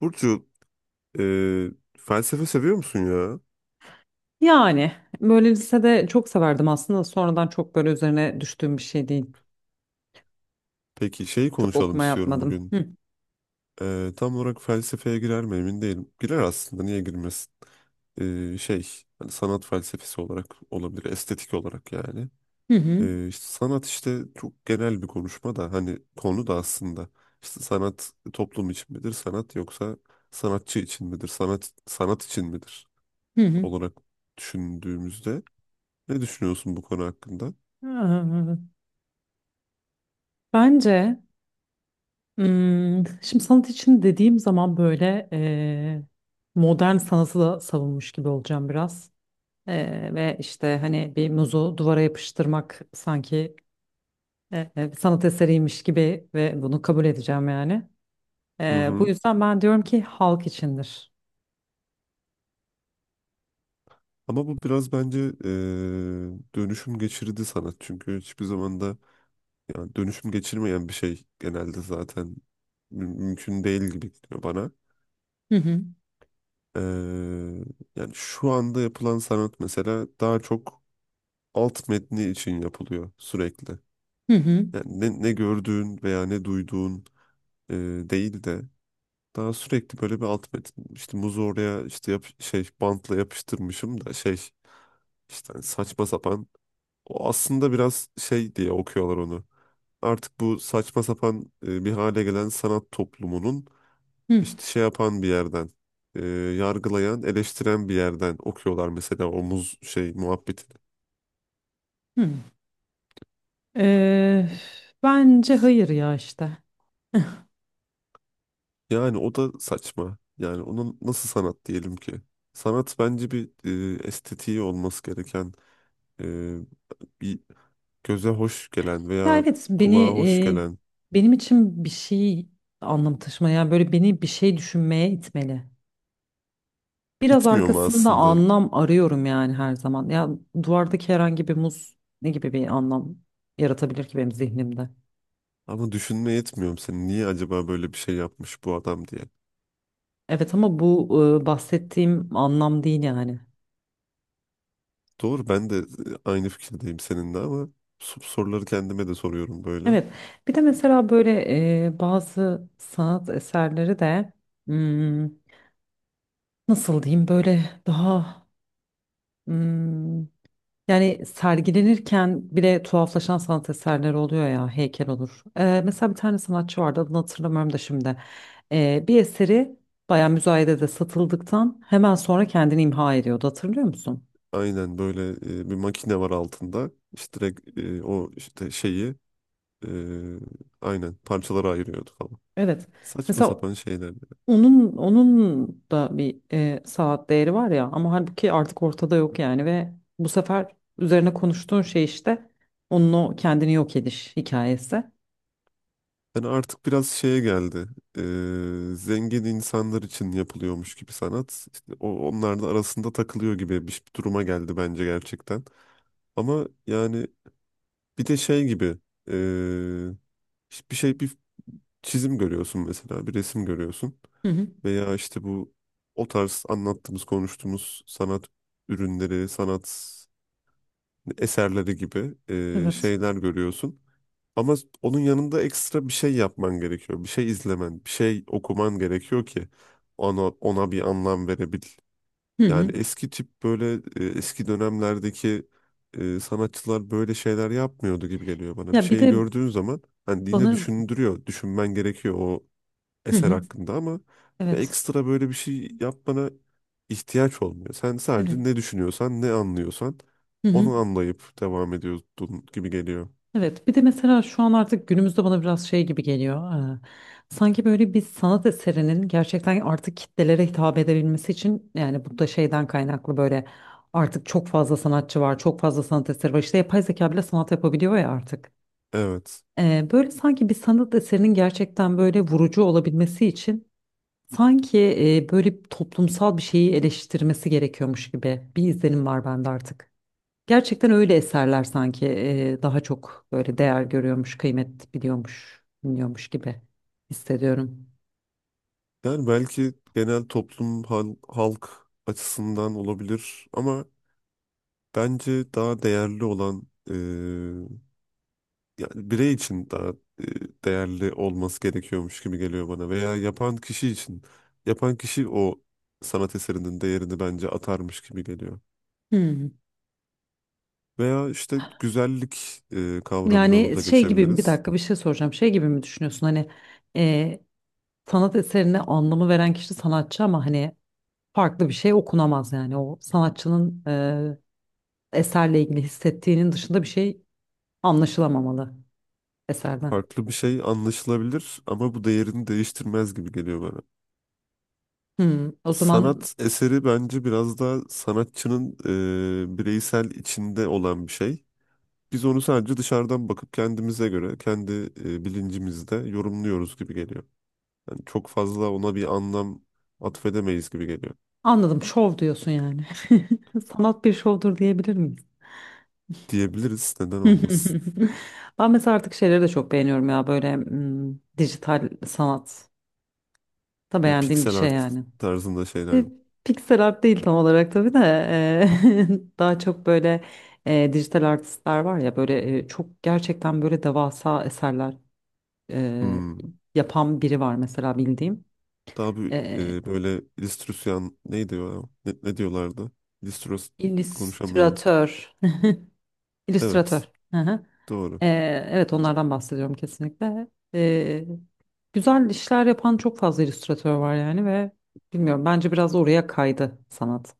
Burcu, e, felsefe seviyor musun ya? Yani böyle lisede çok severdim aslında. Sonradan çok böyle üzerine düştüğüm bir şey değil. Peki şeyi Çok konuşalım okuma istiyorum yapmadım. bugün. Hı Tam olarak felsefeye girer mi emin değilim. Girer aslında, niye girmesin? E, şey, Hani sanat felsefesi olarak olabilir, estetik olarak yani. hı hı. İşte sanat işte çok genel bir konuşma da hani konu da aslında. İşte sanat toplum için midir, sanat yoksa sanatçı için midir, sanat sanat için midir Hı hı. olarak düşündüğümüzde ne düşünüyorsun bu konu hakkında? Ee, Bence şimdi sanat için dediğim zaman böyle modern sanatı da savunmuş gibi olacağım biraz. Ve işte hani bir muzu duvara yapıştırmak sanki eee, sanat eseriymiş gibi ve bunu kabul edeceğim yani. Hı Bu hı. yüzden ben diyorum ki halk içindir. Ama bu biraz bence dönüşüm geçirdi sanat. Çünkü hiçbir zaman da yani dönüşüm geçirmeyen bir şey genelde zaten mümkün değil gibi geliyor bana. Hı hı. E, Yani şu anda yapılan sanat mesela daha çok alt metni için yapılıyor sürekli. Hı hı. Yani ne gördüğün veya ne duyduğun e, değil de daha sürekli böyle bir alt metin. İşte muzu oraya işte yap, şey bantla yapıştırmışım da şey işte hani saçma sapan. O aslında biraz şey diye okuyorlar onu. Artık bu saçma sapan bir hale gelen sanat toplumunun Hı işte şey yapan bir yerden, yargılayan, eleştiren bir yerden okuyorlar mesela o muz şey muhabbetini. hı. Eee, bence hayır ya işte. Yani o da saçma. Yani onun nasıl sanat diyelim ki? Sanat bence bir estetiği olması gereken, e, bir göze hoş gelen Ya veya evet, kulağa hoş gelen. benim için bir şey anlam taşımaya yani böyle beni bir şey düşünmeye itmeli. Biraz İtmiyor mu arkasında aslında? anlam arıyorum yani her zaman. Ya duvardaki herhangi bir muz ne gibi bir anlam yaratabilir ki benim zihnimde? Ama düşünmeye yetmiyorum seni. Niye acaba böyle bir şey yapmış bu adam diye. Evet ama bu bahsettiğim anlam değil yani. Doğru ben de aynı fikirdeyim seninle ama soruları kendime de soruyorum böyle. Evet. Bir de mesela böyle bazı sanat eserleri de hmm, nasıl diyeyim böyle daha hmm, yani sergilenirken bile tuhaflaşan sanat eserleri oluyor ya heykel olur. Mesela bir tane sanatçı vardı adını hatırlamıyorum da şimdi. Bir eseri bayağı müzayedede satıldıktan hemen sonra kendini imha ediyordu, hatırlıyor musun? Aynen böyle bir makine var altında. İşte direkt o işte şeyi e, aynen parçalara ayırıyordu falan. Evet. Saçma Mesela sapan şeyler. onun da bir saat değeri var ya, ama halbuki artık ortada yok yani ve bu sefer üzerine konuştuğun şey işte onun o kendini yok ediş hikayesi. Yani artık biraz şeye geldi. Zengin insanlar için yapılıyormuş gibi sanat. İşte onlar da arasında takılıyor gibi bir duruma geldi bence gerçekten. Ama yani bir de şey gibi eee, işte bir çizim görüyorsun mesela bir resim görüyorsun Hı hı. veya işte bu o tarz anlattığımız konuştuğumuz sanat ürünleri sanat eserleri gibi Evet. şeyler görüyorsun. Ama onun yanında ekstra bir şey yapman gerekiyor. Bir şey izlemen, bir şey okuman gerekiyor ki ona bir anlam verebil. Hı Yani hı. eski tip böyle eski dönemlerdeki sanatçılar böyle şeyler yapmıyordu gibi geliyor bana. Bir Ya bir şeyi de gördüğün zaman hani yine bana. düşündürüyor, düşünmen gerekiyor o Hı eser hı. hakkında ama böyle Evet. ekstra böyle bir şey yapmana ihtiyaç olmuyor. Sen sadece Evet. ne düşünüyorsan, ne anlıyorsan Hı hı. onu anlayıp devam ediyordun gibi geliyor. Evet, bir de mesela şu an artık günümüzde bana biraz şey gibi geliyor. Sanki böyle bir sanat eserinin gerçekten artık kitlelere hitap edebilmesi için yani bu da şeyden kaynaklı böyle artık çok fazla sanatçı var, çok fazla sanat eseri var. İşte yapay zeka bile sanat yapabiliyor ya artık. Evet. Böyle sanki bir sanat eserinin gerçekten böyle vurucu olabilmesi için sanki böyle toplumsal bir şeyi eleştirmesi gerekiyormuş gibi bir izlenim var bende artık. Gerçekten öyle eserler sanki daha çok böyle değer görüyormuş, kıymet biliyormuş gibi hissediyorum. Yani belki genel toplum halk açısından olabilir ama bence daha değerli olan yani birey için daha e, değerli olması gerekiyormuş gibi geliyor bana veya yapan kişi için yapan kişi o sanat eserinin değerini bence atarmış gibi geliyor. Hmm. Veya işte güzellik kavramına Yani burada bir geçebiliriz. dakika, bir şey soracağım. Şey gibi mi düşünüyorsun hani, e, sanat eserine anlamı veren kişi sanatçı ama hani farklı bir şey okunamaz yani o sanatçının eserle ilgili hissettiğinin dışında bir şey anlaşılamamalı eserden. Farklı bir şey anlaşılabilir ama bu değerini değiştirmez gibi geliyor bana. Hmm. O zaman Sanat eseri bence biraz daha sanatçının bireysel içinde olan bir şey. Biz onu sadece dışarıdan bakıp kendimize göre, kendi bilincimizde yorumluyoruz gibi geliyor. Yani çok fazla ona bir anlam atfedemeyiz gibi geliyor. anladım, şov diyorsun yani. Sanat bir şovdur diyebilir miyiz? Diyebiliriz, neden olmasın. Ben mesela artık şeyleri de çok beğeniyorum ya, böyle dijital sanat da Böyle beğendiğim bir piksel şey art yani. tarzında şeyler. E, mi? Pixel art değil tam olarak tabii de, daha çok böyle dijital artistler var ya, böyle çok gerçekten böyle devasa eserler e, Hmm. yapan biri var mesela bildiğim. Daha bir E, böyle illüstrasyon neydi o? Ne diyorlardı? İllüstros Konuşamıyorum. illüstratör. Evet, illüstratör. Hı hı. doğru. Evet, onlardan bahsediyorum kesinlikle. Ee, güzel işler yapan çok fazla illüstratör var yani ve bilmiyorum, bence biraz oraya kaydı sanat.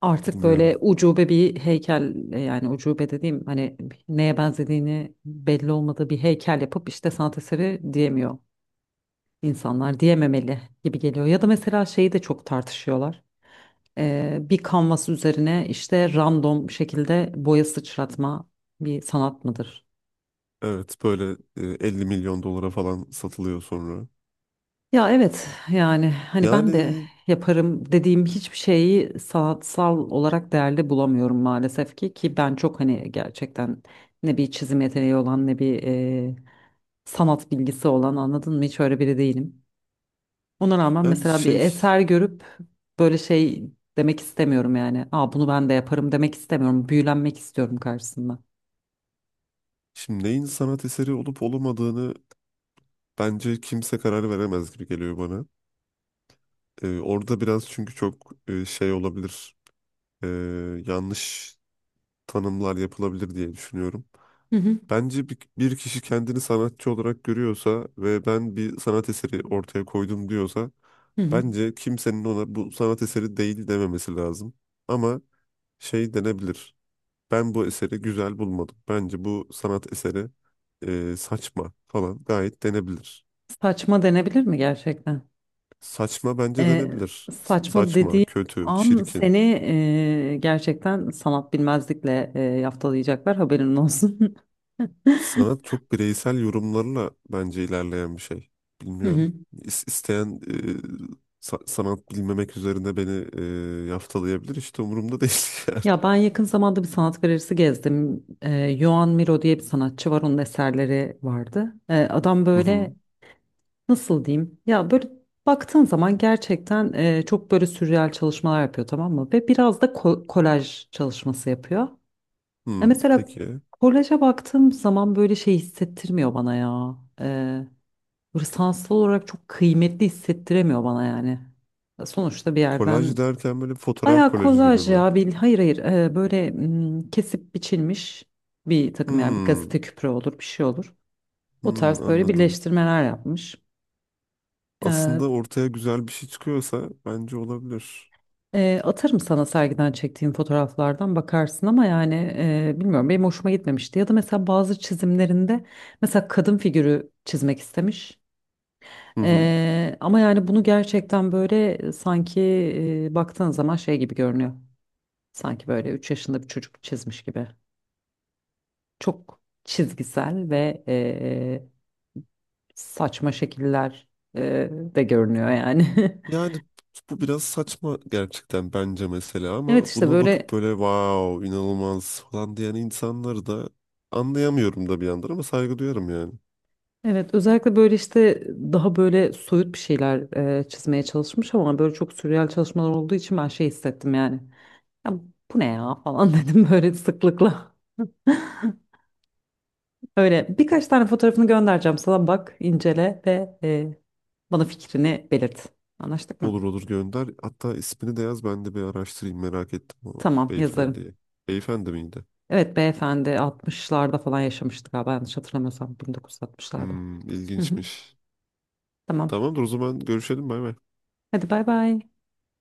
Artık böyle Bilmiyorum. ucube bir heykel, yani ucube dediğim hani neye benzediğini belli olmadığı bir heykel yapıp işte sanat eseri diyemiyor insanlar, diyememeli gibi geliyor. Ya da mesela şeyi de çok tartışıyorlar. Bir kanvas üzerine işte random şekilde boya sıçratma bir sanat mıdır? Evet, böyle 50 milyon dolara falan satılıyor sonra. Ya evet, yani hani ben de Yani yaparım dediğim hiçbir şeyi sanatsal olarak değerli bulamıyorum maalesef ki ben çok hani gerçekten ne bir çizim yeteneği olan ne bir sanat bilgisi olan, anladın mı, hiç öyle biri değilim. Ona rağmen yani mesela bir şey eser görüp böyle şey demek istemiyorum yani. Aa, bunu ben de yaparım demek istemiyorum. Büyülenmek istiyorum karşısında. şimdi neyin sanat eseri olup olmadığını bence kimse karar veremez gibi geliyor bana. Orada biraz çünkü çok şey olabilir, e, yanlış tanımlar yapılabilir diye düşünüyorum. Hı hı, Bence bir kişi kendini sanatçı olarak görüyorsa ve ben bir sanat eseri ortaya koydum diyorsa, hı hı. bence kimsenin ona bu sanat eseri değil dememesi lazım. Ama şey denebilir, ben bu eseri güzel bulmadım. Bence bu sanat eseri saçma falan gayet denebilir. Saçma denebilir mi gerçekten? Saçma bence E, denebilir. saçma Saçma, dediği kötü, an çirkin. seni gerçekten sanat bilmezlikle yaftalayacaklar, haberin olsun. Sanat çok bireysel yorumlarla bence ilerleyen bir şey. Hı Bilmiyorum. hı. İsteyen sanat bilmemek üzerine beni yaftalayabilir. İşte umurumda değil yani. Ya ben yakın zamanda bir sanat galerisi gezdim. Joan Miro diye bir sanatçı var. Onun eserleri vardı. Adam Hı hı. böyle nasıl diyeyim? Ya böyle baktığın zaman gerçekten çok böyle sürreal çalışmalar yapıyor, tamam mı? Ve biraz da kolaj çalışması yapıyor. Ya Hmm, mesela peki. kolaja baktığım zaman böyle şey hissettirmiyor bana ya. Böyle sanatsal olarak çok kıymetli hissettiremiyor bana yani. Sonuçta bir Kolaj yerden derken böyle fotoğraf bayağı kolajı gibi kolaj mi? ya, hayır hayır, böyle kesip biçilmiş bir takım, yani bir Hmm, gazete küpürü olur, bir şey olur. O hmm, tarz böyle anladım. birleştirmeler yapmış. Aslında ortaya güzel bir şey çıkıyorsa bence olabilir. Atarım sana, sergiden çektiğim fotoğraflardan bakarsın ama yani bilmiyorum, benim hoşuma gitmemişti. Ya da mesela bazı çizimlerinde mesela kadın figürü çizmek istemiş. Hı hı. Ama yani bunu gerçekten böyle sanki baktığın zaman şey gibi görünüyor. Sanki böyle 3 yaşında bir çocuk çizmiş gibi. Çok çizgisel ve saçma şekiller de görünüyor yani. Yani bu biraz saçma gerçekten bence mesela Evet ama işte buna bakıp böyle. böyle wow inanılmaz falan diyen insanları da anlayamıyorum da bir yandan ama saygı duyarım yani. Evet, özellikle böyle işte daha böyle soyut bir şeyler çizmeye çalışmış ama böyle çok sürreal çalışmalar olduğu için ben şey hissettim yani. Ya bu ne ya falan, dedim böyle sıklıkla. Öyle birkaç tane fotoğrafını göndereceğim sana, bak, incele ve bana fikrini belirt. Anlaştık mı? Olur, olur, gönder. Hatta ismini de yaz, ben de bir araştırayım, merak ettim o Tamam, yazarım. beyefendiyi. Beyefendi miydi? Evet beyefendi 60'larda falan yaşamıştı galiba, yanlış hatırlamıyorsam 1960'larda. Hmm, Hı hı. ilginçmiş. Tamam. Tamamdır, o zaman görüşelim, bay bay. Hadi bay bay.